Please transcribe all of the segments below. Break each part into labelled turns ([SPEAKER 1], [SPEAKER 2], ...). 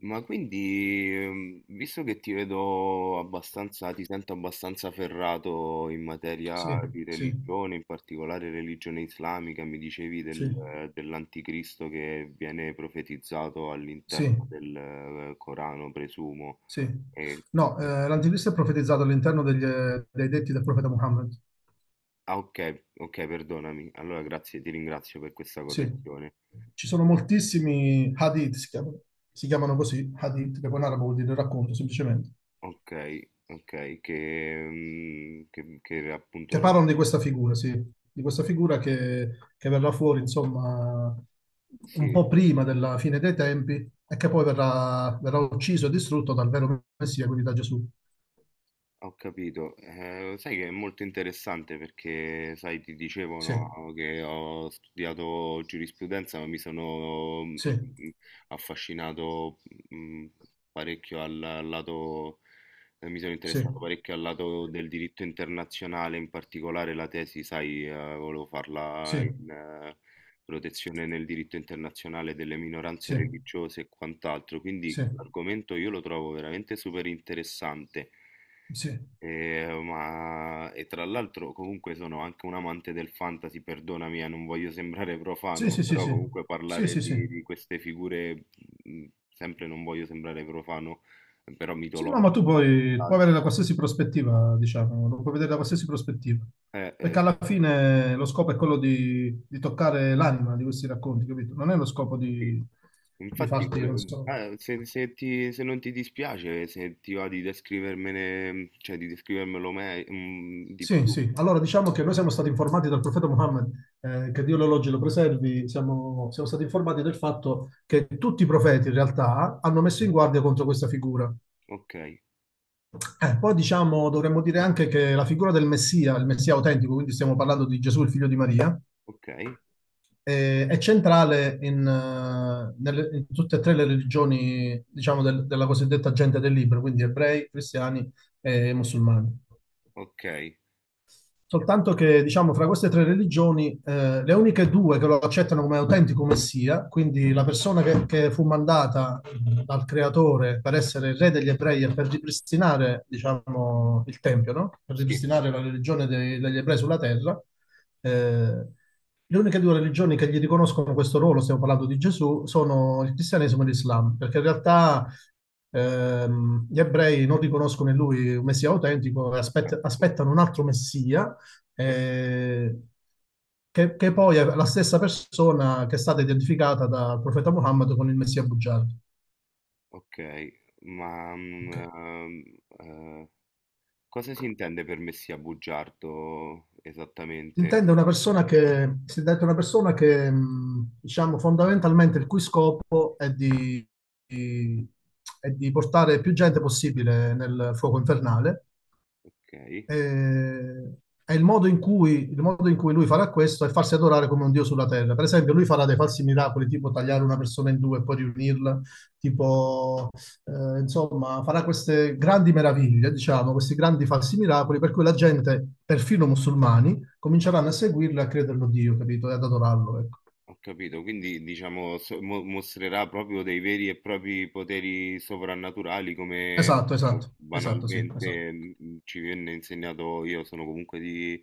[SPEAKER 1] Ma quindi, visto che ti vedo abbastanza, ti sento abbastanza ferrato in materia
[SPEAKER 2] Sì,
[SPEAKER 1] di
[SPEAKER 2] sì,
[SPEAKER 1] religione, in particolare religione islamica, mi dicevi
[SPEAKER 2] sì,
[SPEAKER 1] del, dell'anticristo che viene profetizzato all'interno
[SPEAKER 2] sì,
[SPEAKER 1] del, Corano, presumo.
[SPEAKER 2] sì.
[SPEAKER 1] E- mhmm,
[SPEAKER 2] No, l'anticristo è profetizzato all'interno dei detti del profeta Muhammad.
[SPEAKER 1] ah, ok, ok, perdonami. Allora, grazie, ti ringrazio per questa
[SPEAKER 2] Sì,
[SPEAKER 1] correzione.
[SPEAKER 2] ci sono moltissimi hadith, si chiamano così, hadith, che poi in arabo vuol dire racconto, semplicemente,
[SPEAKER 1] Ok, ok, che appunto...
[SPEAKER 2] che parlano di questa figura, sì, di questa figura che verrà fuori, insomma, un
[SPEAKER 1] Sì,
[SPEAKER 2] po' prima della fine dei tempi e che poi verrà ucciso e distrutto dal vero Messia, quindi da Gesù.
[SPEAKER 1] ho capito. Sai che è molto interessante perché, sai, ti dicevo
[SPEAKER 2] Sì,
[SPEAKER 1] no, che ho studiato giurisprudenza, ma mi sono
[SPEAKER 2] sì,
[SPEAKER 1] mm, affascinato mm, parecchio al lato, mi sono
[SPEAKER 2] sì,
[SPEAKER 1] interessato parecchio al lato del diritto internazionale, in particolare la tesi, sai, volevo farla
[SPEAKER 2] sì,
[SPEAKER 1] in protezione nel diritto internazionale delle minoranze
[SPEAKER 2] sì,
[SPEAKER 1] religiose e quant'altro, quindi
[SPEAKER 2] sì. Sì.
[SPEAKER 1] l'argomento io lo trovo veramente super interessante.
[SPEAKER 2] Sì,
[SPEAKER 1] Ma... E tra l'altro comunque sono anche un amante del fantasy, perdonami, non voglio sembrare
[SPEAKER 2] sì,
[SPEAKER 1] profano,
[SPEAKER 2] sì, sì,
[SPEAKER 1] però
[SPEAKER 2] sì,
[SPEAKER 1] comunque
[SPEAKER 2] sì,
[SPEAKER 1] parlare
[SPEAKER 2] sì, sì.
[SPEAKER 1] di queste figure, mh, sempre non voglio sembrare profano, però
[SPEAKER 2] Sì, no, ma
[SPEAKER 1] mitologiche
[SPEAKER 2] tu
[SPEAKER 1] o
[SPEAKER 2] puoi
[SPEAKER 1] quant'altro.
[SPEAKER 2] avere da qualsiasi prospettiva, diciamo, lo puoi vedere da qualsiasi prospettiva,
[SPEAKER 1] Eh,
[SPEAKER 2] perché
[SPEAKER 1] eh,
[SPEAKER 2] alla fine lo scopo è quello di toccare l'anima di questi racconti, capito? Non è lo scopo
[SPEAKER 1] sì.
[SPEAKER 2] di
[SPEAKER 1] Infatti,
[SPEAKER 2] farti, non so.
[SPEAKER 1] se, se non ti dispiace, se ti va di descrivermene, cioè di descrivermelo me, di
[SPEAKER 2] Sì,
[SPEAKER 1] più.
[SPEAKER 2] sì, allora diciamo che noi siamo stati informati dal profeta Muhammad, che Dio lo elogi e lo preservi, siamo stati informati del fatto che tutti i profeti in realtà hanno messo in guardia contro questa figura.
[SPEAKER 1] Ok,
[SPEAKER 2] Poi diciamo, dovremmo dire anche che la figura del Messia, il Messia autentico, quindi stiamo parlando di Gesù, il figlio di Maria,
[SPEAKER 1] ok,
[SPEAKER 2] è centrale in tutte e tre le religioni, diciamo, della cosiddetta gente del libro, quindi ebrei, cristiani e musulmani.
[SPEAKER 1] ok,
[SPEAKER 2] Soltanto che, diciamo, fra queste tre religioni, le uniche due che lo accettano come autentico messia, quindi la persona che fu mandata dal creatore per essere il re degli ebrei e per ripristinare, diciamo, il tempio, no? Per
[SPEAKER 1] sì,
[SPEAKER 2] ripristinare la religione degli ebrei sulla terra, eh, le uniche due religioni che gli riconoscono questo ruolo, stiamo parlando di Gesù, sono il cristianesimo e l'Islam, perché in realtà gli ebrei non riconoscono in lui un messia autentico e
[SPEAKER 1] ecco,
[SPEAKER 2] aspettano un altro messia,
[SPEAKER 1] certo.
[SPEAKER 2] eh, che poi è la stessa persona che è stata identificata dal profeta Muhammad con il Messia bugiardo.
[SPEAKER 1] Okay, ma,
[SPEAKER 2] Ok.
[SPEAKER 1] ehm, cosa si intende per me sia bugiardo
[SPEAKER 2] Si
[SPEAKER 1] esattamente?
[SPEAKER 2] Intende una persona che, si intende una persona che, diciamo, fondamentalmente il cui scopo è di, di- è di portare più gente possibile nel fuoco infernale.
[SPEAKER 1] Okay,
[SPEAKER 2] eh, è il modo in cui, il modo in cui lui farà questo è farsi adorare come un dio sulla terra. Per esempio, lui farà dei falsi miracoli, tipo tagliare una persona in due e poi riunirla, tipo, insomma, farà queste grandi meraviglie, diciamo, questi grandi falsi miracoli, per cui la gente, perfino musulmani, cominceranno a seguirlo e a crederlo Dio, capito? E ad adorarlo, ecco.
[SPEAKER 1] ho capito. Quindi diciamo s mo mostrerà proprio dei veri e propri poteri soprannaturali come
[SPEAKER 2] Esatto,
[SPEAKER 1] diciamo
[SPEAKER 2] esatto, esatto, sì, esatto.
[SPEAKER 1] banalmente, ci venne insegnato, io sono comunque di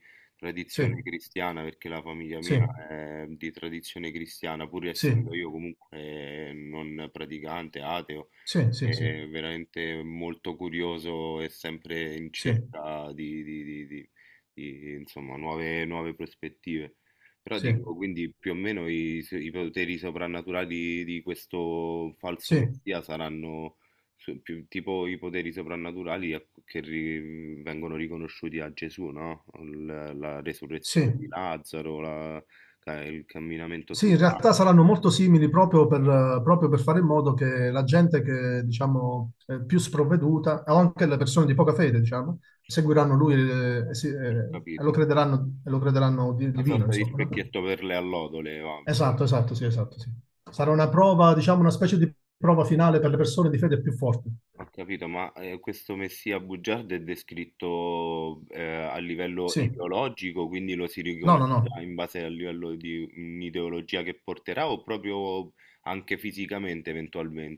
[SPEAKER 2] Sì,
[SPEAKER 1] tradizione cristiana, perché la famiglia
[SPEAKER 2] sì,
[SPEAKER 1] mia è di tradizione cristiana, pur
[SPEAKER 2] sì,
[SPEAKER 1] essendo io comunque non praticante, ateo.
[SPEAKER 2] sì, sì,
[SPEAKER 1] È veramente molto curioso e sempre in
[SPEAKER 2] sì,
[SPEAKER 1] cerca di insomma, nuove prospettive. Però
[SPEAKER 2] sì,
[SPEAKER 1] dico,
[SPEAKER 2] sì,
[SPEAKER 1] quindi più o meno i poteri soprannaturali di questo falso
[SPEAKER 2] sì, sì,
[SPEAKER 1] messia saranno tipo i poteri soprannaturali che vengono riconosciuti a Gesù, no? La resurrezione
[SPEAKER 2] sì.
[SPEAKER 1] di Lazzaro, il camminamento
[SPEAKER 2] Sì,
[SPEAKER 1] sulle
[SPEAKER 2] in
[SPEAKER 1] acque,
[SPEAKER 2] realtà saranno molto simili proprio per fare in modo che la gente che, diciamo, è più sprovveduta, o anche le persone di poca fede, diciamo, seguiranno lui,
[SPEAKER 1] ho
[SPEAKER 2] e lo
[SPEAKER 1] capito.
[SPEAKER 2] crederanno,
[SPEAKER 1] Una
[SPEAKER 2] divino,
[SPEAKER 1] sorta di
[SPEAKER 2] insomma, no?
[SPEAKER 1] specchietto per le allodole, va.
[SPEAKER 2] Esatto, esatto, sì, esatto, sì.
[SPEAKER 1] Ho
[SPEAKER 2] Sarà una prova, diciamo, una specie di prova finale per le persone di fede più forti.
[SPEAKER 1] ho capito, ma questo messia bugiardo è descritto a livello
[SPEAKER 2] Sì.
[SPEAKER 1] ideologico, quindi lo si
[SPEAKER 2] No, no,
[SPEAKER 1] riconoscerà
[SPEAKER 2] no.
[SPEAKER 1] in base al livello di un'ideologia che porterà, o proprio anche fisicamente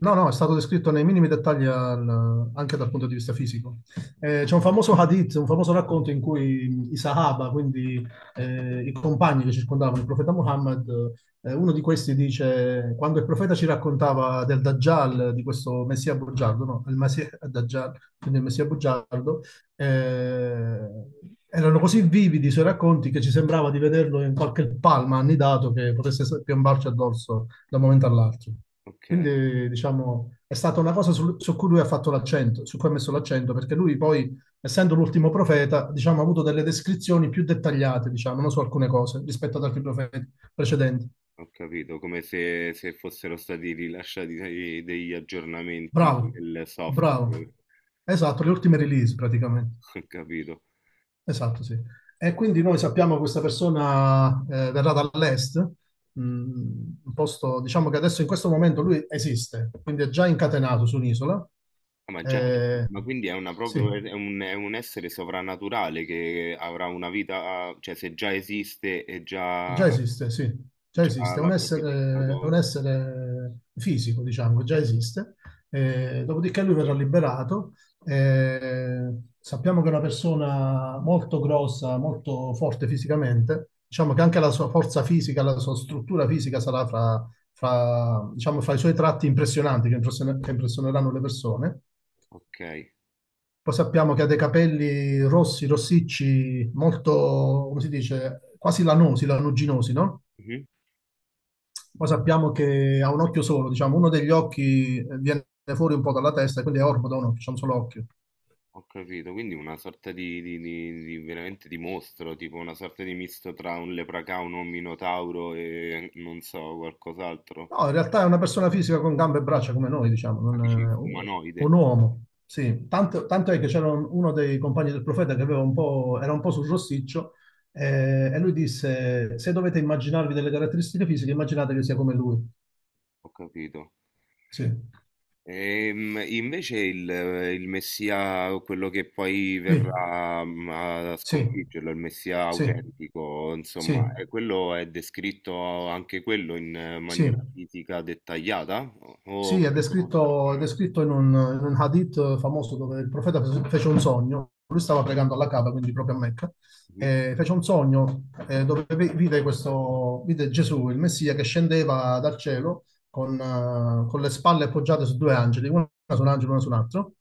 [SPEAKER 2] No, no, è stato descritto nei minimi dettagli anche dal punto di vista fisico. C'è un famoso hadith, un famoso racconto in cui i Sahaba, quindi i compagni che circondavano il profeta Muhammad, uno di questi dice, quando il profeta ci raccontava del Dajjal, di questo Messia bugiardo, no? Il Messia Dajjal, quindi il Messia bugiardo, eh, erano così vividi i suoi racconti che ci sembrava di vederlo in qualche palma annidato che potesse piombarci addosso da un momento all'altro.
[SPEAKER 1] Ok,
[SPEAKER 2] Quindi, diciamo, è stata una cosa cui lui ha fatto l'accento, su cui ha messo l'accento, perché lui poi, essendo l'ultimo profeta, diciamo, ha avuto delle descrizioni più dettagliate, diciamo, non su alcune cose, rispetto ad altri profeti precedenti.
[SPEAKER 1] ho capito, come se, se fossero stati rilasciati degli aggiornamenti
[SPEAKER 2] Bravo,
[SPEAKER 1] del
[SPEAKER 2] bravo.
[SPEAKER 1] software,
[SPEAKER 2] Esatto, le ultime release praticamente.
[SPEAKER 1] ho capito.
[SPEAKER 2] Esatto, sì. E quindi noi sappiamo che questa persona verrà dall'est, un posto, diciamo che adesso in questo momento lui esiste, quindi è già incatenato su un'isola.
[SPEAKER 1] Ah, ma già sì,
[SPEAKER 2] Eh,
[SPEAKER 1] ma quindi è una
[SPEAKER 2] sì,
[SPEAKER 1] proprio, è un, è un essere sovrannaturale che avrà una vita, cioè se già esiste e
[SPEAKER 2] già esiste, sì, già
[SPEAKER 1] già
[SPEAKER 2] esiste,
[SPEAKER 1] l'ha
[SPEAKER 2] è un
[SPEAKER 1] profetizzato,
[SPEAKER 2] essere fisico, diciamo, che già esiste. Dopodiché lui verrà liberato. Sappiamo che è una persona molto grossa, molto forte fisicamente. Diciamo che anche la sua forza fisica, la sua struttura fisica sarà diciamo, fra i suoi tratti impressionanti che impressioneranno le persone.
[SPEAKER 1] okay.
[SPEAKER 2] Poi sappiamo che ha dei capelli rossi, rossicci, molto, come si dice, quasi lanosi, lanuginosi, no?
[SPEAKER 1] Mh-mh.
[SPEAKER 2] Poi sappiamo che ha un occhio solo, diciamo, uno degli occhi viene fuori un po' dalla testa, e quindi è orbido, no, c'è un solo occhio.
[SPEAKER 1] Ho capito, quindi una sorta di veramente di mostro, tipo una sorta di misto tra un leprecaun, un minotauro e non so, qualcos'altro.
[SPEAKER 2] No, in realtà è una persona fisica con gambe e braccia come noi, diciamo,
[SPEAKER 1] Ah,
[SPEAKER 2] non
[SPEAKER 1] dici
[SPEAKER 2] è un
[SPEAKER 1] umanoide?
[SPEAKER 2] un uomo. Sì, tanto, tanto è che c'era uno dei compagni del profeta che aveva un po', era un po' sul rossiccio, e lui disse, se dovete immaginarvi delle caratteristiche fisiche, immaginate che sia come lui.
[SPEAKER 1] Ho capito.
[SPEAKER 2] Sì,
[SPEAKER 1] Invece il messia, quello che poi
[SPEAKER 2] sì,
[SPEAKER 1] verrà a
[SPEAKER 2] sì,
[SPEAKER 1] sconfiggerlo, il messia
[SPEAKER 2] sì,
[SPEAKER 1] autentico,
[SPEAKER 2] sì,
[SPEAKER 1] insomma, quello è descritto anche quello in
[SPEAKER 2] sì.
[SPEAKER 1] maniera fisica dettagliata? O
[SPEAKER 2] Sì,
[SPEAKER 1] quello sarà...
[SPEAKER 2] è descritto in un hadith famoso dove il profeta fece un sogno, lui stava pregando alla Kaaba, quindi proprio a Mecca,
[SPEAKER 1] Mhm.
[SPEAKER 2] e fece un sogno dove vide, questo, vide Gesù, il Messia, che scendeva dal cielo con le spalle appoggiate su due angeli, una su un angelo e una su un altro,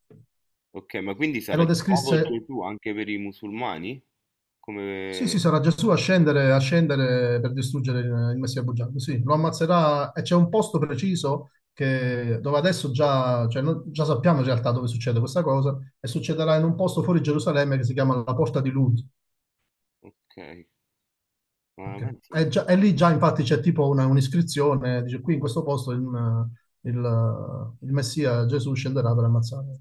[SPEAKER 1] Ok, ma quindi
[SPEAKER 2] e
[SPEAKER 1] sarà
[SPEAKER 2] lo
[SPEAKER 1] di nuovo
[SPEAKER 2] descrisse.
[SPEAKER 1] Gesù anche per i musulmani?
[SPEAKER 2] Sì, sì, sarà
[SPEAKER 1] Come...
[SPEAKER 2] Gesù a scendere per distruggere il Messia bugiardo. Sì, lo ammazzerà e c'è un posto preciso dove adesso già, cioè, già sappiamo in realtà dove succede questa cosa e succederà in un posto fuori Gerusalemme che si chiama la Porta di Lud.
[SPEAKER 1] Ok, ma
[SPEAKER 2] Ok.
[SPEAKER 1] penso.
[SPEAKER 2] E, e lì già infatti c'è tipo un'iscrizione, dice qui in questo posto il Messia Gesù scenderà per ammazzare.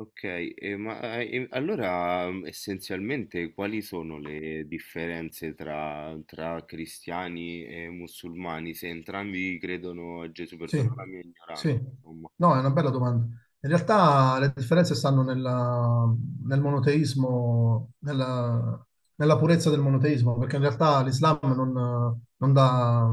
[SPEAKER 1] Ok, e ma e allora essenzialmente quali sono le differenze tra cristiani e musulmani? Se entrambi credono a Gesù,
[SPEAKER 2] Sì,
[SPEAKER 1] perdona la mia ignoranza,
[SPEAKER 2] sì.
[SPEAKER 1] insomma.
[SPEAKER 2] No, è una bella domanda. In realtà le differenze stanno nel monoteismo, nella purezza del monoteismo, perché in realtà l'Islam non dà,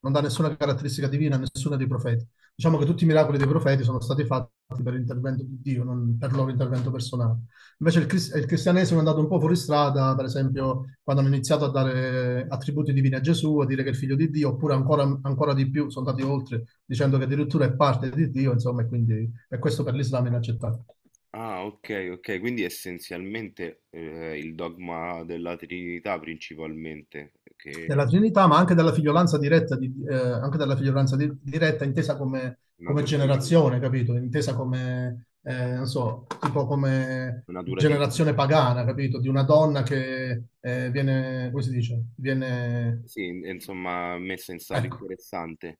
[SPEAKER 2] non dà nessuna caratteristica divina a nessuno dei profeti. Diciamo che tutti i miracoli dei profeti sono stati fatti per l'intervento di Dio, non per il loro intervento personale. Invece il cristianesimo è andato un po' fuori strada, per esempio, quando hanno iniziato a dare attributi divini a Gesù, a dire che è il figlio di Dio, oppure ancora, ancora di più sono andati oltre, dicendo che addirittura è parte di Dio, insomma, e quindi e questo per l'Islam è inaccettabile.
[SPEAKER 1] Ah, ok, ok, quindi essenzialmente il dogma della Trinità principalmente,
[SPEAKER 2] Della
[SPEAKER 1] che
[SPEAKER 2] Trinità, ma anche della figliolanza diretta, anche della figliolanza diretta intesa come,
[SPEAKER 1] è
[SPEAKER 2] come
[SPEAKER 1] natura divina,
[SPEAKER 2] generazione, capito? Intesa come, non so, tipo come
[SPEAKER 1] natura
[SPEAKER 2] generazione
[SPEAKER 1] divina.
[SPEAKER 2] pagana, capito? Di una donna che viene, come si dice? Viene...
[SPEAKER 1] Sì, insomma, messa in stato
[SPEAKER 2] Ecco,
[SPEAKER 1] interessante.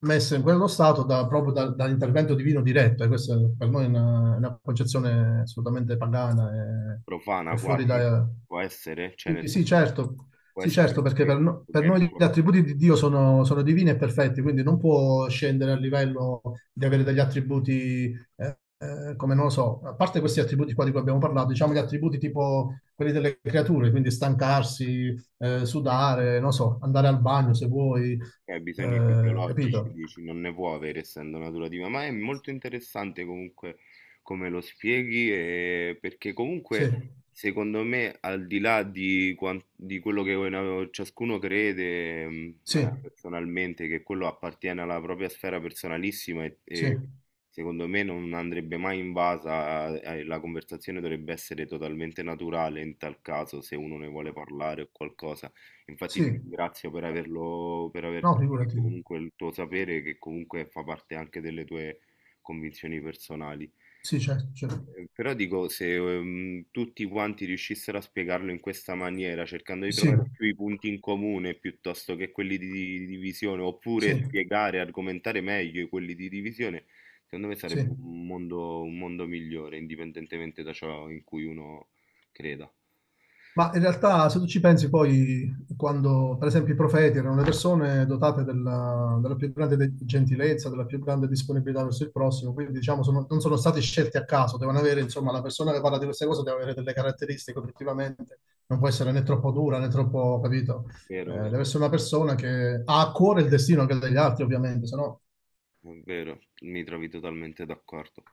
[SPEAKER 2] messo in quello stato dall'intervento divino diretto, e questa per noi è una concezione assolutamente pagana e
[SPEAKER 1] Profana
[SPEAKER 2] fuori
[SPEAKER 1] quasi?
[SPEAKER 2] da...
[SPEAKER 1] Può essere? Cioè
[SPEAKER 2] Sì,
[SPEAKER 1] nel
[SPEAKER 2] sì,
[SPEAKER 1] senso,
[SPEAKER 2] certo,
[SPEAKER 1] può
[SPEAKER 2] sì,
[SPEAKER 1] essere...
[SPEAKER 2] certo, perché
[SPEAKER 1] pure
[SPEAKER 2] per, no- per noi gli attributi di Dio sono divini e perfetti, quindi non può scendere al livello di avere degli attributi, come non lo so, a parte questi attributi qua di cui abbiamo parlato, diciamo gli attributi tipo quelli delle creature, quindi stancarsi,
[SPEAKER 1] che-
[SPEAKER 2] sudare, non so, andare al bagno se vuoi,
[SPEAKER 1] Ok, bisogni fisiologici,
[SPEAKER 2] capito?
[SPEAKER 1] dici, non ne può avere essendo natura, ma è molto interessante comunque come lo spieghi, perché
[SPEAKER 2] Sì,
[SPEAKER 1] comunque secondo me al di là di, di quello che ciascuno crede,
[SPEAKER 2] sì,
[SPEAKER 1] personalmente, che quello appartiene alla propria sfera personalissima
[SPEAKER 2] sì,
[SPEAKER 1] e secondo me non andrebbe mai invasa, la conversazione dovrebbe essere totalmente naturale in tal caso, se uno ne vuole parlare o qualcosa. Infatti ti
[SPEAKER 2] sì,
[SPEAKER 1] ringrazio per averlo, per aver
[SPEAKER 2] no, figurati,
[SPEAKER 1] condiviso comunque il tuo sapere, che comunque fa parte anche delle tue convinzioni personali.
[SPEAKER 2] sì, certo, certo.
[SPEAKER 1] Però dico, se tutti quanti riuscissero a spiegarlo in questa maniera, cercando di trovare
[SPEAKER 2] Sì,
[SPEAKER 1] più i punti in comune piuttosto che quelli di divisione, oppure
[SPEAKER 2] sì,
[SPEAKER 1] spiegare, argomentare meglio quelli di divisione, secondo me sarebbe
[SPEAKER 2] sì.
[SPEAKER 1] un mondo migliore, indipendentemente da ciò in cui uno creda.
[SPEAKER 2] Ma in realtà, se tu ci pensi poi, quando per esempio i profeti erano le persone dotate della più grande gentilezza, della più grande disponibilità verso il prossimo, quindi diciamo non sono stati scelti a caso, devono avere, insomma, la persona che parla di queste cose deve avere delle caratteristiche obiettivamente, non può essere né troppo dura né troppo, capito? Eh,
[SPEAKER 1] Vero,
[SPEAKER 2] Deve
[SPEAKER 1] vero.
[SPEAKER 2] essere una persona che ha a cuore il destino anche degli altri, ovviamente, se no
[SPEAKER 1] È vero, mi trovi totalmente d'accordo.